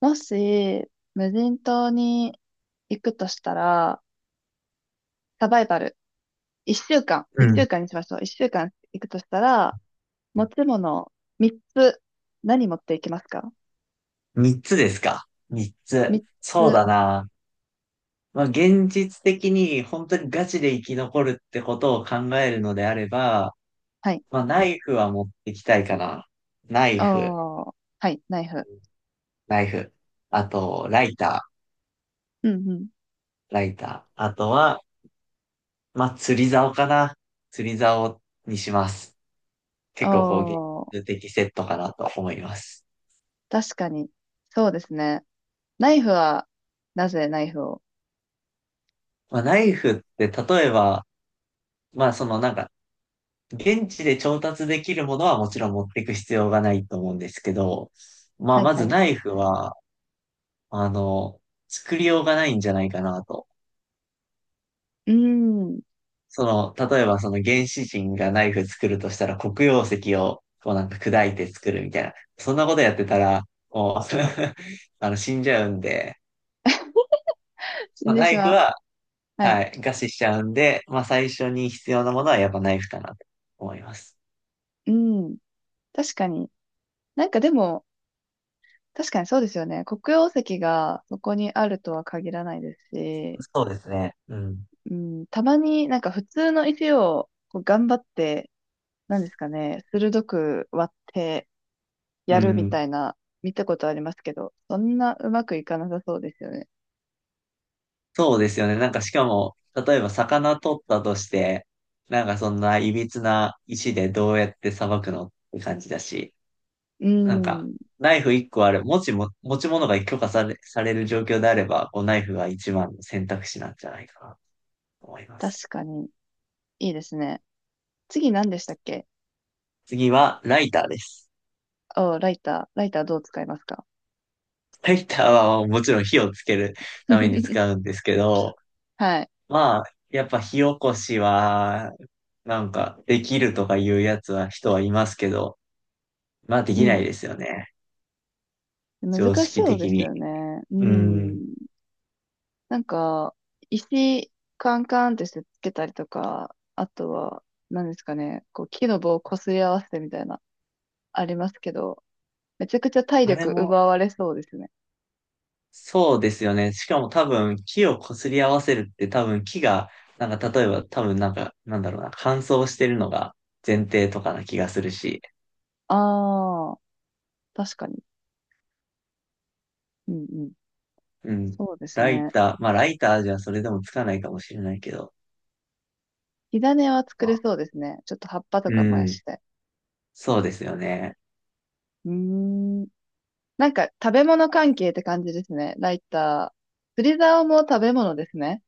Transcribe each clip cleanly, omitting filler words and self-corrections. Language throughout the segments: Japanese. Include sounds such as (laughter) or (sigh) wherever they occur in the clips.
もし、無人島に行くとしたら、サバイバル。一週間。う一ん。週間にしましょう。一週間行くとしたら、持ち物、三つ。何持っていきますか？三つですか。三つ。三そうつ。だな。まあ、現実的に本当にガチで生き残るってことを考えるのであれば、はい。まあ、ナイフは持ってきたいかな。ナイフ、おー。はい。ナイフ。ナイフ。あと、ライタうんうん。ー、ライター。あとは、まあ、釣り竿かな。釣り竿にします。お結構こう、現ー。実的セットかなと思います。確かに。そうですね。ナイフは、なぜナイフを？まあ、ナイフって例えば、まあ、現地で調達できるものはもちろん持っていく必要がないと思うんですけど、まあ、はいまはずい。うナイフは、あの、作りようがないんじゃないかなと。ーん。その、例えばその原始人がナイフ作るとしたら黒曜石をこうなんか砕いて作るみたいな。そんなことやってたら、もう (laughs) 死んじゃうんで、死んまあ、でナしイフまう。は、はい。はい、餓死しちゃうんで、まあ、最初に必要なものはやっぱナイフかなと思います。うん。確かに。なんかでも、確かにそうですよね。黒曜石がそこにあるとは限らないですし、そうですね。うん。うん、たまになんか普通の石をこう頑張って、なんですかね、鋭く割ってうやるみん。たいな見たことありますけど、そんなうまくいかなさそうですよね。そうですよね。なんかしかも、例えば魚取ったとして、なんかそんな歪な石でどうやって捌くのって感じだし、うなんかん、ナイフ1個ある、持ち物が許可され、される状況であれば、こうナイフが一番の選択肢なんじゃないかなと思います。確かにいいですね。次何でしたっけ？次はライターです。お、ライター。ライターどう使いますか？ ライターはもちろん火をつけるために (laughs) 使うんですけど、はい。まあ、やっぱ火起こしは、なんかできるとかいうやつは人はいますけど、まあでうきなん。いですよね。常難し識そうで的すに。よね。ううん。ん。なんか、石カンカンってしてつけたりとか、あとは、何ですかね、こう木の棒をこすり合わせてみたいな、ありますけど、めちゃくちゃ体あれ力も、奪われそうですね。そうですよね。しかも多分、木を擦り合わせるって多分、なんか例えば多分なんか、なんだろうな、乾燥してるのが前提とかな気がするし。ああ、確かに。うんうん。うん。そうですライね。ター、まあライターじゃそれでもつかないかもしれないけど。火種は作まれあ、そうですね。ちょっと葉っぱとかう燃やん。して。そうですよね。うーん。なんか食べ物関係って感じですね。ライター。釣り竿も食べ物ですね。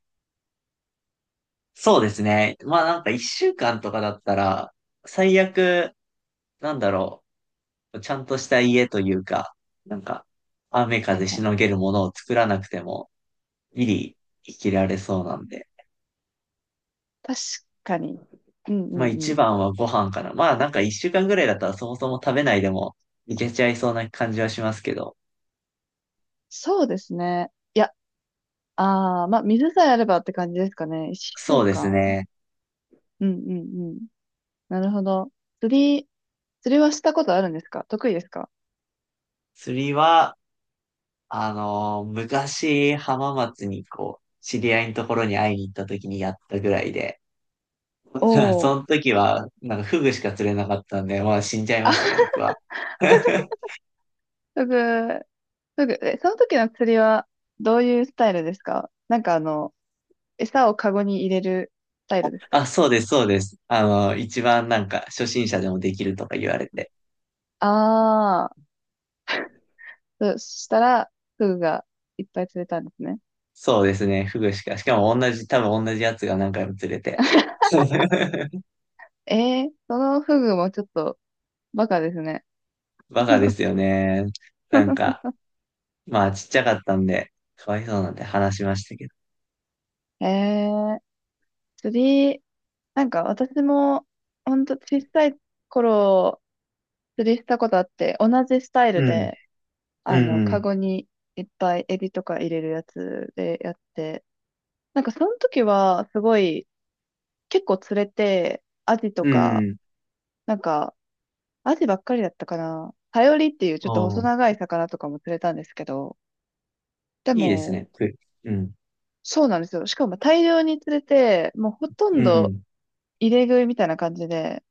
そうですね。まあなんか一週間とかだったら、最悪、なんだろちゃんとした家というか、なんか、雨はい風はしのい。げるものを作らなくても、ギリ生きられそうなんで。確かに。うんうまあんう一ん。番はご飯かな。まあなんか一週間ぐらいだったらそもそも食べないでもいけちゃいそうな感じはしますけど。そうですね。いやああ、まあ、水さえあればって感じですかね。一週そうです間。ね。うんうんうん。なるほど。釣り、釣りはしたことあるんですか？得意ですか？釣りは、昔浜松にこう、知り合いのところに会いに行った時にやったぐらいで。お (laughs) おー。その時は、なんかフグしか釣れなかったんで、まあ死んじゃいあ、ますね、僕 (laughs) は。(laughs) すぐ、すぐ、え、その時の釣りはどういうスタイルですか？なんかあの、餌をカゴに入れるスタイルですあ、か？そうです。あの、一番なんか初心者でもできるとか言われて。ああー、そしたら、フグがいっぱい釣れたんですね。そうですね。フグしか。(laughs) しかも同じ、多分同じやつが何回も釣れて。(laughs) えー、そのフグもちょっとバカですね。バカで (laughs) すよね。なんか、まあちっちゃかったんで、かわいそうなんて話しましたけど。えー、釣り、なんか私も、ほんと小さい頃、釣りしたことあって、同じスタイルうん。で、うあの、カん。ゴにいっぱいエビとか入れるやつでやって、なんかその時は、すごい、結構釣れて、アジとうん。か、うん。なんか、アジばっかりだったかな。サヨリっていうちょおっと細ー、長い魚とかも釣れたんですけど、でいいですも、ね。ふうん。そうなんですよ。しかも大量に釣れて、もうほとんうどん。入れ食いみたいな感じで、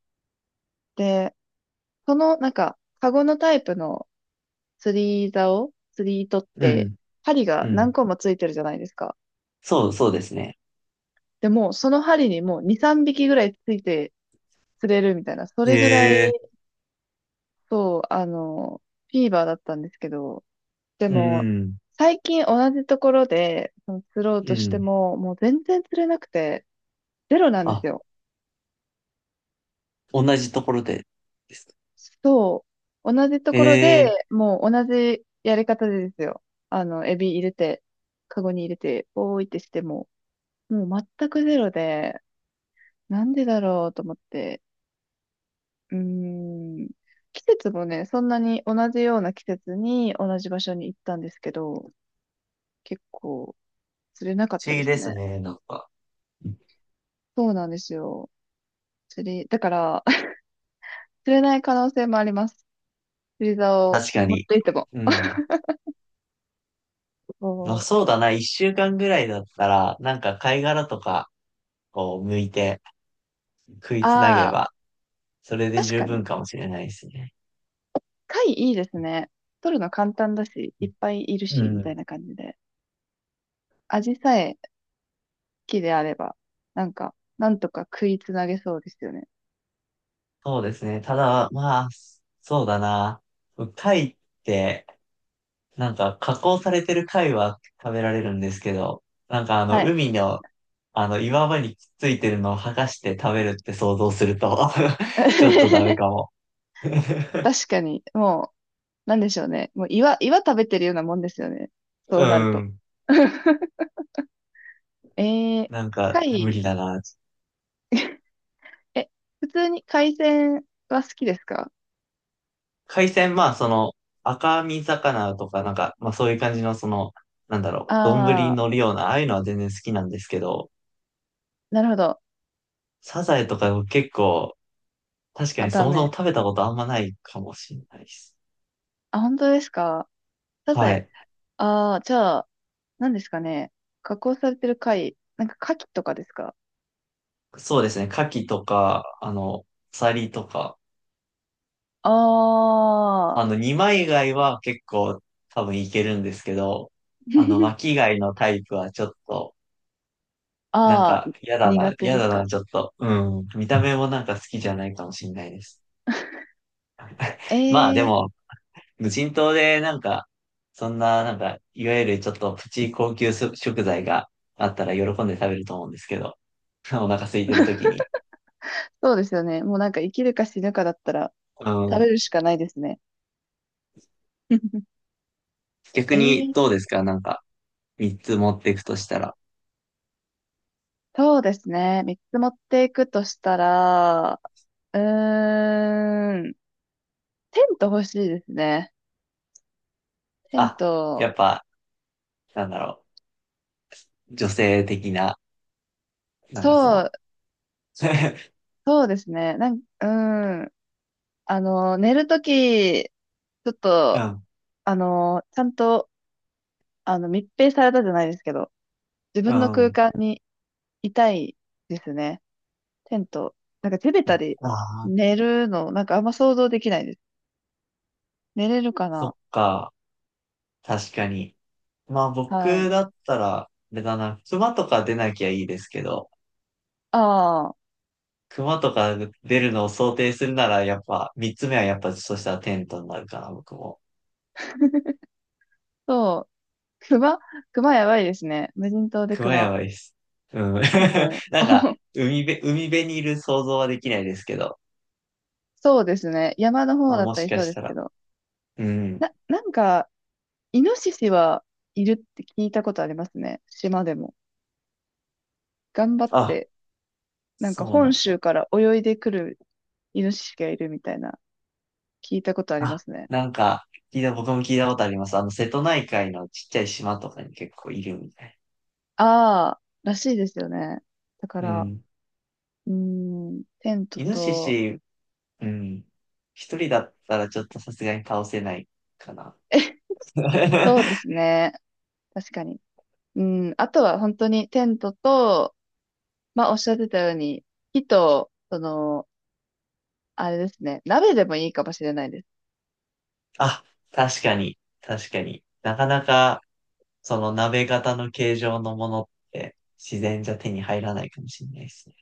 で、その、なんか、カゴのタイプの釣り竿、釣り糸っうて、ん。針うが何ん。個もついてるじゃないですか。そうですね。でも、その針にもう2、3匹ぐらいついて釣れるみたいな、そへれぐらい、え。そう、あの、フィーバーだったんですけど、でうも、ん。最近同じところで、その釣ろううとしてん。も、もう全然釣れなくて、ゼロなんですあ、よ。同じところでですか。そう。同じとへころで、え。もう同じやり方でですよ。あの、エビ入れて、カゴに入れて、おーいってしても、もう全くゼロで、なんでだろうと思って。うーん。季節もね、そんなに同じような季節に同じ場所に行ったんですけど、結構釣れなかっ不た思で議すですね。ね。なんか。そうなんですよ。釣り、だから、(laughs) 釣れない可能性もあります。釣り竿を確か持っに。ていても。うん。まあそう。そうだな、一週間ぐらいだったら、なんか貝殻とかを剥いて食いつなげああ、ば、それで確十かに。分かもしれないですね。貝いいですね。取るの簡単だし、いっぱいいるうし、みたいん。な感じで。味さえ木であれば、なんか、なんとか食いつなげそうですよね。そうですね。ただ、まあ、そうだな。貝って、なんか加工されてる貝は食べられるんですけど、はい。海の、岩場にくっついてるのを剥がして食べるって想像すると (laughs) ちょっとダメか (laughs) も。(laughs) 確かに、もう、なんでしょうね。もう岩食べてるようなもんですよね。そうなうると。ん。(laughs) えー、なんか、無貝、理だな。え、普通に海鮮は好きですか？海鮮、まあ、赤身魚とか、まあ、そういう感じの、丼にあ乗あるような、ああいうのは全然好きなんですけど、ー、なるほど。サザエとか結構、確かあ、にそダもそメ。も食べたことあんまないかもしれないです。あ、本当ですか？サザはエ。い。ああ、じゃあ、何ですかね。加工されてる貝、なんか牡蠣とかですか？そうですね、牡蠣とか、サリとか、ああー、あの、二枚貝は結構多分いけるんですけど、あの、(laughs) 巻き貝のタイプはちょっと、なんああ、か、苦手嫌ですだか？な、ちょっと、うん、見た目もなんか好きじゃないかもしれないです。えまあでえー、も、無人島でなんか、そんななんか、いわゆるちょっとプチ高級食材があったら喜んで食べると思うんですけど、(laughs) お腹空いてる時に。そうですよね。もうなんか生きるか死ぬかだったらう食べん。るしかないですね。(laughs) 逆えにどうー、ですかなんか、三つ持っていくとしたら。そうですね。3つ持っていくとしたら、うーん、テント欲しいですね。テンあ、ト、やっぱ、なんだろう、女性的な、なんそかそう、の、(laughs) そうですね。なん、うーん、あの、寝るとき、ちょっうと、ん、あの、ちゃんと、あの、密閉されたじゃないですけど、自う分の空ん。間にいたいですね。テント。なんか手べたりああ、寝るの、なんかあんま想像できないです。寝れるかそっな？か。確かに。まあはい。僕だったら、あれだな、熊とか出なきゃいいですけど、ああ。熊とか出るのを想定するなら、やっぱ、三つ目はやっぱ、そしたらテントになるかな、僕も。そう熊、熊やばいですね。無人島で熊や熊。ばいです。うん。(laughs) もなう、んか、(laughs) 海辺にいる想像はできないですけど、そうですね。山の方まあだっもたしりかそうしですたけら。ど。うん。なんか、イノシシはいるって聞いたことありますね。島でも。頑張っあ、て、なんかそうな本ん州だ。から泳いでくるイノシシがいるみたいな、聞いたことありまあ、すね。なんか、聞いた、僕も聞いたことあります。あの、瀬戸内海のちっちゃい島とかに結構いるみたい。ああ、らしいですよね。だかうら、ん。テントイノシと、シ、うん。一人だったらちょっとさすがに倒せないかな。(laughs) そう (laughs) ですね。確かに。うん、あとは本当にテントと、まあ、おっしゃってたように、火と、その、あれですね、鍋でもいいかもしれないです。あ、確かに、確かになかなか、その鍋型の形状のものって自然じゃ手に入らないかもしれないですね。